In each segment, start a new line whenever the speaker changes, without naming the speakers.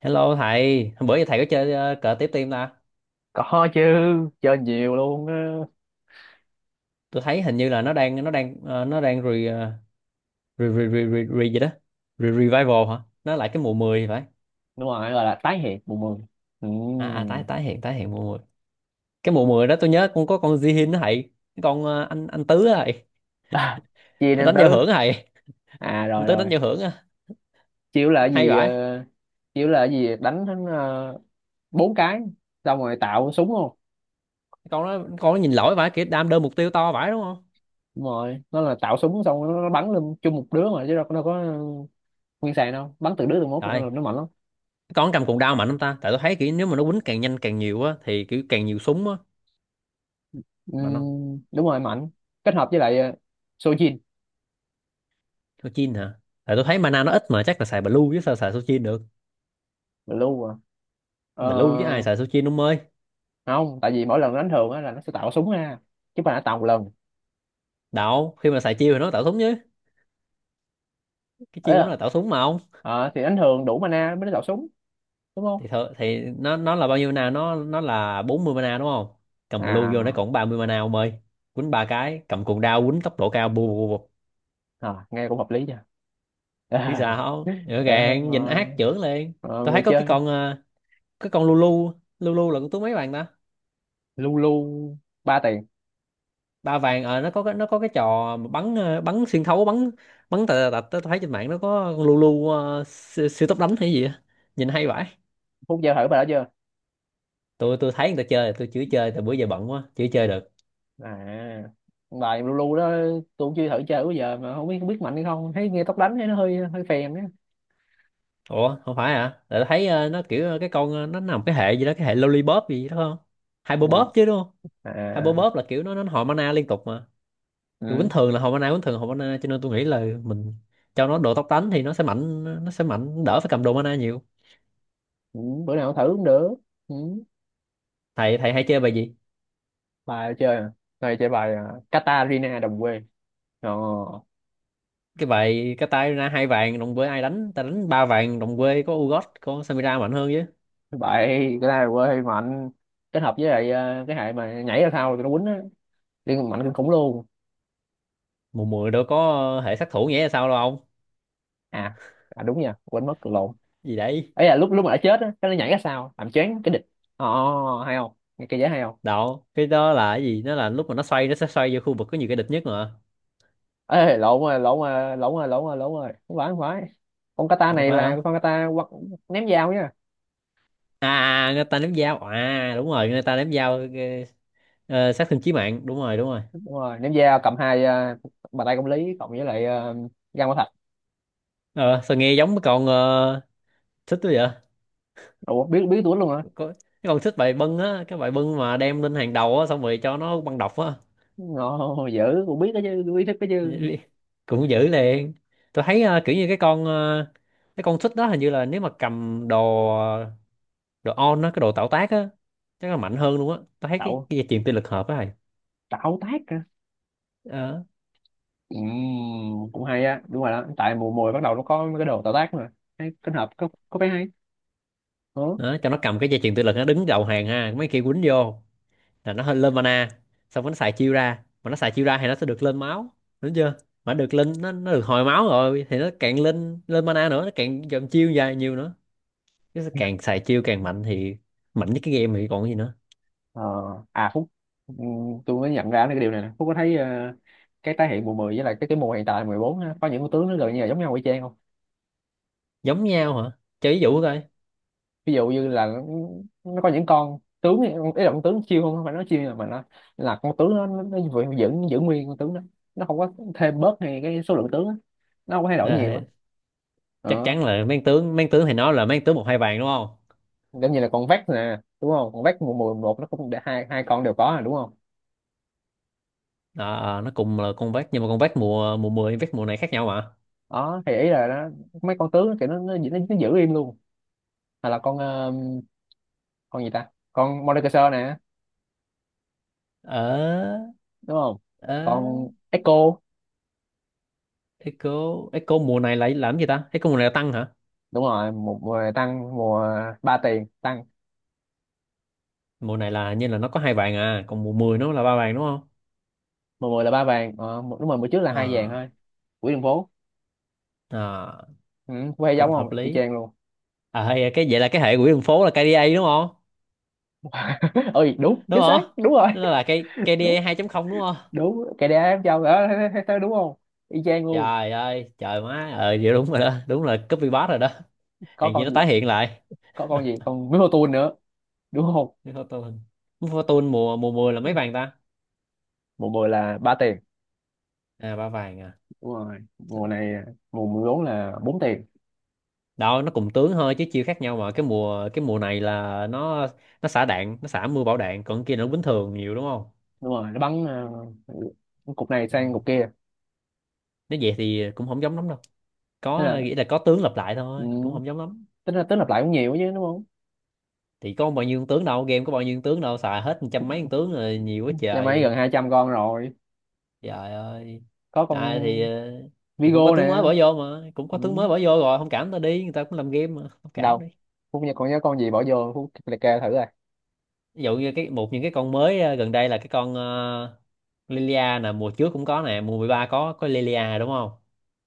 Hello thầy, hôm bữa giờ thầy có chơi cờ tiếp tim ta?
Có chứ, chơi nhiều luôn á.
Tôi thấy hình như là nó đang nó đang re, ờ, re, re, re, re, re gì đó. Re, revival hả? Nó lại cái mùa 10 thì phải.
Đúng rồi, gọi là tái hiện mùa mười. ừ.
À à tái tái hiện mùa 10. Cái mùa 10 đó tôi nhớ con có con Jihin đó thầy. Cái con anh Tứ á thầy.
à, chia
Nó
nên
đánh giao
tứ.
hưởng á thầy.
À rồi
Anh Tứ đánh
rồi.
giao hưởng á.
Chiếu là cái
Hay
gì
vãi.
chiếu là cái gì đánh đến bốn cái xong rồi tạo súng không?
Con nó nhìn lỗi vãi, kiểu đam đơn mục tiêu to vãi đúng không?
Đúng rồi, nó là tạo súng xong rồi nó bắn lên chung một đứa mà chứ đâu có nguyên sàn đâu, bắn từ đứa từ mốt là
Trời,
nó mạnh lắm.
con cầm cuộn đao mạnh không ta? Tại tôi thấy kiểu nếu mà nó quýnh càng nhanh càng nhiều á thì kiểu càng nhiều súng á
ừ,
mà nó
Đúng rồi, mạnh. Kết hợp với lại Sojin.
số 9 hả? Tại tôi thấy mana nó ít mà chắc là xài blue chứ sao xài số 9 được,
Blue à?
blue chứ ai
ờ,
xài số 9 ông ơi.
Không, tại vì mỗi lần đánh thường á là nó sẽ tạo súng ra chứ không phải là tạo một lần.
Đạo khi mà xài chiêu thì nó tạo súng chứ, cái chiêu của nó
Ờ,
là tạo súng mà không.
Ờ, thì đánh thường đủ mana mới đánh đạo súng, đúng không?
Thì nó là bao nhiêu mana, nó là 40 mana đúng không? Cầm blue vô nó
à,
còn 30 mana ông ơi. Quýnh ba cái cầm cuồng đao quýnh tốc độ cao bù bù bù bù.
À, nghe cũng hợp lý nha.
Chứ sao, rõ
Ờ,
ràng nhìn
rồi.
ác trưởng lên. Tôi thấy
Người
có cái
chơi
con cái con Lulu. Lulu là con tú mấy bạn ta?
Lulu ba tiền.
Ba vàng. Ờ nó có cái, nó có cái trò mà bắn bắn xuyên thấu, bắn bắn tạt tạt tạt tao thấy trên mạng nó có con lu lu siêu tốc đánh hay gì á, nhìn hay vãi.
Phúc chơi thử bài đó chưa?
Tôi thấy người ta chơi, tôi chưa chơi tại bữa giờ bận quá chưa chơi được.
À, bài Lulu đó tôi cũng chưa thử chơi bao giờ mà không biết, không biết mạnh hay không, thấy nghe tóc đánh thấy nó hơi hơi phèn á.
Ủa không phải hả? Tại tao thấy nó kiểu nó nằm cái hệ gì đó, cái hệ lollipop gì đó không,
Ừ.
hyperbop chứ đúng không?
À.
Hyperbop là kiểu nó hồi mana liên tục mà, kiểu bình
Ừ.
thường là hồi mana, bình thường là hồi mana, cho nên tôi nghĩ là mình cho nó đồ tốc đánh thì nó sẽ mạnh, nó sẽ mạnh đỡ phải cầm đồ mana nhiều.
Ừ. Bữa nào thử cũng được. Ừ.
Thầy thầy hay chơi bài gì?
Bài chơi à? Đây chơi bài à, Katarina đồng quê. Ờ
Cái bài cái tay ra hai vàng đồng quê ai đánh, ta đánh ba vàng đồng quê có Ugot có Samira mạnh hơn chứ.
vậy, cái này quê mạnh, kết hợp với lại cái hệ mà nhảy ra thao thì nó quýnh á, liên mạnh kinh khủng luôn.
Mùa mười đâu có hệ sát thủ, nghĩa là sao đâu ông?
à, À, đúng nha, quên mất, cười lộn.
Gì đấy?
Ấy là lúc lúc mà đã chết á, cái nó nhảy ra sao làm choáng cái địch. Ồ, hay không, nghe cái dễ hay không.
Đâu, cái đó là cái gì, nó là lúc mà nó xoay, nó sẽ xoay vô khu vực có nhiều cái địch nhất mà.
Ê, lộn rồi lộn rồi lộn rồi lộn rồi lộn rồi, không phải, con kata
Ủa
này
phải
là
hả?
con kata quật- ném dao nha.
Người ta ném dao à? Đúng rồi, người ta ném dao. Ờ, sát thương chí mạng đúng rồi đúng rồi.
Đúng rồi, ném dao, cầm hai bàn tay công lý cộng với lại găng quả thạch.
Ờ sao nghe giống cái con thích quá vậy.
Ủa, biết biết tuổi luôn hả?
Có cái con thích bài bưng á, cái bài bưng mà đem lên hàng đầu á, xong rồi cho nó băng độc á.
Ồ, dữ, cũng biết đó chứ, biết thích đó chứ.
Cũng dữ liền. Tôi thấy kiểu như cái con cái con xích đó hình như là nếu mà cầm đồ, đồ on á, cái đồ tạo tác á chắc là mạnh hơn luôn á. Tôi thấy cái,
Tạo
cái dây chuyền tự lực hợp á thầy.
Tạo tác.
Đó.
Cũng hay á, đúng rồi đó, tại mùa mùa bắt đầu nó có mấy cái đồ tạo tác mà, hay kết hợp, có vẻ hay. Ừ.
Đó cho nó cầm cái dây chuyền tự lực nó đứng đầu hàng ha, mấy kia quýnh vô là nó hơi lên mana, xong rồi nó xài chiêu ra, mà nó xài chiêu ra thì nó sẽ được lên máu đúng chưa? Mà được lên nó được hồi máu rồi thì nó càng lên lên mana nữa, nó càng dòng chiêu dài nhiều nữa, nó sẽ càng xài chiêu càng mạnh thì mạnh nhất cái game thì còn gì nữa.
Ờ. À Phúc, tôi mới nhận ra cái điều này nè. Phúc có thấy cái tái hiện mùa 10 với lại cái mùa hiện tại 14 á, có những con tướng nó gần như là giống nhau y chang không?
Giống nhau hả? Cho ví dụ coi.
Ví dụ như là nó có những con tướng ấy, ý là con tướng chiêu, không không phải nói chiêu, nhưng mà nó là con tướng nó vẫn- giữ giữ nguyên con tướng đó, nó không có thêm bớt hay cái số lượng tướng á. Nó không có thay đổi nhiều
Ờ,
á.
chắc
Ờ.
chắn là mang tướng, mang tướng thì nó là mang tướng một hai vàng đúng không?
Giống như là con vét nè, đúng không? Con vét mùa mùa một nó cũng để hai hai con đều có rồi, đúng không?
Đó, ờ, nó cùng là con vác nhưng mà con vác mùa mùa 10 vác mùa này khác nhau mà.
Đó thì ý là nó mấy con tướng thì nó giữ im luôn. Hay là con con gì ta, con Mordekaiser nè,
Ờ.
đúng không?
Ờ.
Con Echo.
Echo. Echo mùa này lại làm gì ta, Echo mùa này là tăng hả?
Đúng rồi, một mùa tăng, mùa ba tiền tăng.
Mùa này là như là nó có hai vàng à, còn mùa 10 nó là ba vàng đúng không?
Mùa mười là ba vàng mùa- đúng rồi, mùa trước là hai vàng
Ờ.
thôi. Quỹ đường phố.
Ờ,
Ừ, quay
cũng
giống không,
hợp
y
lý.
chang luôn.
À hay cái, vậy là cái hệ quỹ đường phố là KDA đúng không?
Ơi, đúng,
Đúng
chính
không?
xác, đúng rồi.
Nó là cái
Đúng.
KDA 2.0 đúng không?
Đúng cái đá em châu đó, thấy đúng không? Y chang luôn.
Trời ơi trời má, ờ vậy đúng rồi đó, đúng là copy paste rồi đó.
Có
Hàng gì
con
nó
gì,
tái hiện lại.
có con gì, con Minotaur nữa, đúng không?
Cái Fortune, nước Fortune mùa mùa 10 là mấy vàng ta?
Mùa 10 là ba tiền.
À ba vàng à?
Đúng rồi, mùa này mùa 14 là bốn tiền.
Đó, nó cùng tướng thôi chứ chiêu khác nhau mà. Cái mùa này là nó xả đạn, nó xả mưa bão đạn, còn kia nó bình thường nhiều đúng không?
Đúng rồi, nó bắn cục này sang cục kia.
Nếu vậy thì cũng không giống lắm đâu,
Thế là,
có nghĩa là có tướng lặp lại thôi, cũng
ừ,
không giống lắm.
tính là tính lặp lại cũng nhiều chứ, đúng không?
Thì có bao nhiêu con tướng đâu, game có bao nhiêu con tướng đâu, xài hết trăm mấy con tướng rồi, nhiều quá
Nhà máy gần
trời.
200 con rồi.
Trời ơi.
Có con
À, thì cũng có
Vigo
tướng
nè.
mới bỏ vô mà, cũng có
Ừ.
tướng mới bỏ vô rồi, không cảm ta đi, người ta cũng làm game mà không cảm
Đâu,
đi.
Phúc nhớ con, nhớ con gì bỏ vô Phúc liệt kê thử rồi.
Ví dụ như cái một những cái con mới gần đây là cái con Lilia nè, mùa trước cũng có nè, mùa 13 có Lilia đúng không,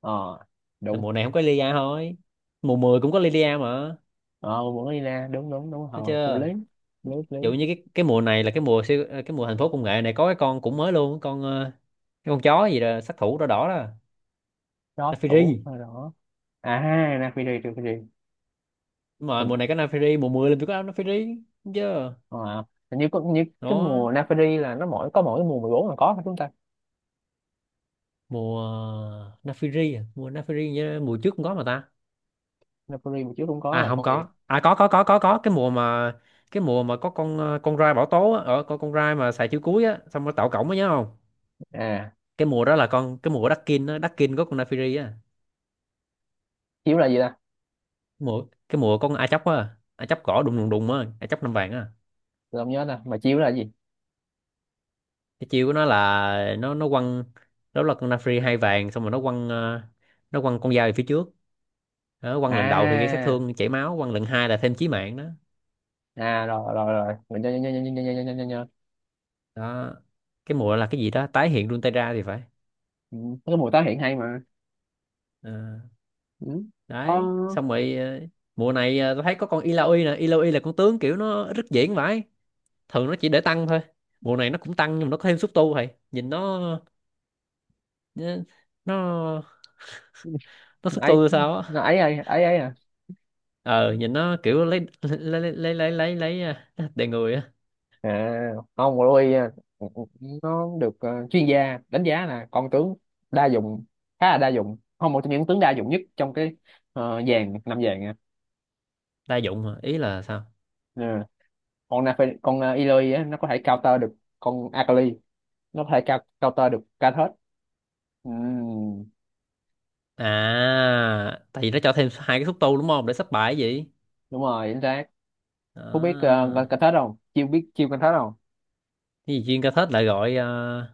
Ờ
là
đúng.
mùa này không có Lilia thôi, mùa 10 cũng có Lilia mà.
Ờ vẫn đi ra, đúng đúng đúng
Thấy
ờ Phúc lý,
chưa?
lý.
Ví dụ như cái mùa này là cái mùa siêu cái mùa thành phố công nghệ này có cái con cũng mới luôn, con cái con chó gì đó sát thủ đỏ đỏ đó,
Đó tủ
Nafiri.
rồi đó. À ha, Nafiri, trừ Fiji.
Đúng rồi mùa này có Nafiri, mùa 10 là phải có Nafiri thấy chưa?
Ờ, hình như có như cái
Đó.
mùa Napari là nó mỗi có, mỗi mùa 14 là có hả chúng ta?
Mùa Nafiri à? Mùa Nafiri nhớ mùa trước cũng có mà ta.
Napari mà chiếu cũng có
À
là
không,
con gì?
có à, có có cái mùa mà, cái mùa mà có con con rai bảo tố á, ở con rai mà xài chữ cuối á xong nó tạo cổng á nhớ không?
À,
Cái mùa đó là con, cái mùa Đắc-kin á, Đắc-kin có con Naafiri á.
chiếu là gì ta?
Mùa cái mùa con A Chóc á, A Chóc cỏ đùng đùng đùng á, A Chóc năm vàng á.
Tôi không nhớ ta, mà chiếu là gì?
Cái chiêu của nó là nó quăng, đó là con Naafiri hai vàng, xong rồi nó quăng nó quăng con dao về phía trước. Đó, quăng lần đầu thì gây sát
À
thương chảy máu, quăng lần hai là thêm chí mạng đó.
à rồi rồi rồi mình nhớ nhớ nhớ nhớ nhớ nhớ nhớ nhớ nhớ.
Đó, cái mùa là cái gì đó tái hiện Runeterra thì phải.
Ừ, cái mùa tái hiện hay mà.
Ờ.
Ừ. Ờ,
Đấy xong rồi mùa này tôi thấy có con Illaoi nè, Illaoi là con tướng kiểu nó rất diễn vãi, thường nó chỉ để tăng thôi, mùa này nó cũng tăng nhưng mà nó có thêm xúc tu, thầy nhìn nó, nó nó nó xúc
ấy
tu sao á.
nó ấy ấy ấy ấy à.
Ờ nhìn nó kiểu lấy à, đầy người á.
À không, Louis nó được chuyên gia đánh giá là con tướng đa dụng, khá là đa dụng, không một trong những tướng đa dụng nhất trong cái dàn năm dàn nha.
Đa dụng mà ý là sao?
Ừ. Con Nafe, con Eloy á nó có thể counter được con Akali, nó có thể cou- counter được Karthus. Ừm.
À tại vì nó cho thêm hai cái xúc tu đúng không để sắp bài gì.
Đúng rồi, chính xác. Phú biết
À,
con Karthus không? Chiêu, biết chiêu con Karthus không?
cái gì chuyên ca thết lại gọi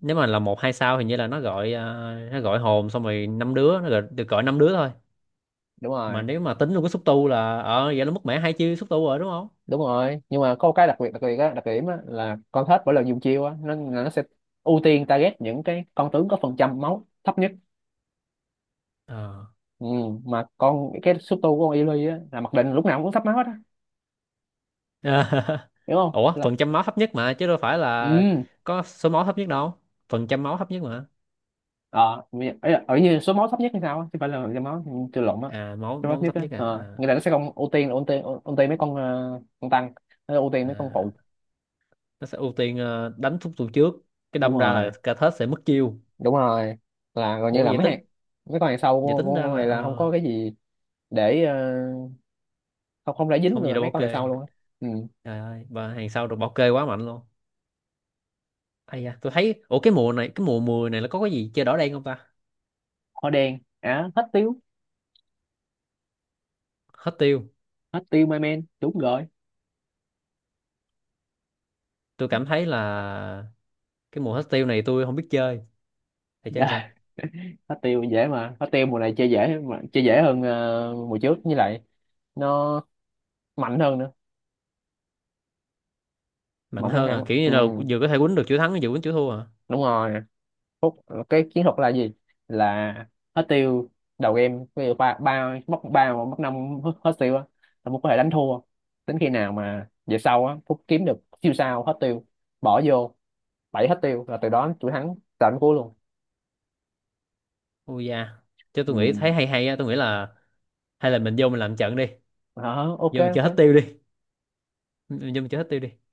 nếu mà là một hai sao hình như là nó gọi nó gọi hồn xong rồi năm đứa, nó gọi, được gọi năm đứa thôi.
đúng
Mà
rồi
nếu mà tính luôn cái xúc tu là ờ vậy nó mất mẻ hai chi xúc tu rồi đúng không?
đúng rồi nhưng mà có một cái đặc biệt á, đặc điểm á là con Karthus mỗi lần dùng chiêu á, nó là nó sẽ ưu tiên target những cái con tướng có phần trăm máu thấp nhất.
Ờ.
Mà con cái số tu của con Eloy á là mặc định lúc nào cũng thấp máu hết á, hiểu không?
Ủa
Là
phần trăm máu thấp nhất mà chứ đâu phải là
ừ.
có số máu thấp nhất đâu, phần trăm máu thấp nhất mà.
Ờ mi- ấy là- ở như số máu thấp nhất hay sao á, chứ không phải là cái máu, chưa, lộn á.
À máu
Số máu thấp
máu
nhất
thấp
á,
nhất à,
ờ,
à,
người ta nó sẽ không ưu tiên, là ưu tiên mấy con con tăng, nó ưu tiên mấy con phụ.
à. Nó sẽ ưu tiên đánh xúc tu trước, cái
đúng
đâm ra là
rồi
cả thớt sẽ mất chiêu.
đúng rồi là gần như
Ủa
là
vậy
mấy
tính,
hàng, mấy con hàng sau
vậy
của,
tính
của
ra
con
là
này là không có cái gì để không không để dính
không gì
người
đâu
mấy
ok.
con hàng sau luôn á. Ừ.
Trời ơi và hàng sau được bảo kê quá mạnh luôn. Ai da, tôi thấy ủa cái mùa này cái mùa mười này là có cái gì chơi đỏ đen không ta?
Hoa đen à, hết tiêu.
Hết tiêu.
Hết tiêu my man, đúng rồi.
Tôi cảm thấy là cái mùa hostile này tôi không biết chơi, thầy chơi sao?
Dạ, hết tiêu dễ mà, hết tiêu mùa này chơi dễ mà, chơi dễ hơn mùa trước như lại nó mạnh hơn nữa.
Mạnh
Mạnh hơn
hơn à?
hẳn.
Kiểu như
Ừ.
là vừa có thể quýnh được chữ thắng vừa quýnh chữ thua à?
Đúng rồi. Phút, cái chiến thuật là gì? Là hết tiêu. Đầu game ví dụ ba ba mất ba hoặc mất năm hết tiêu á là Phúc có thể đánh thua. Đến khi nào mà về sau á, Phúc kiếm được siêu sao hết tiêu bỏ vô, bảy hết tiêu là từ đó chuỗi thắng tận cuối luôn.
Ui da. Chứ
Ừ.
tôi nghĩ thấy hay hay á, tôi nghĩ là hay là mình vô mình làm trận đi.
Hả? Ok
Vô mình chơi hết
ok.
tiêu đi. Mình vô mình chơi hết tiêu đi.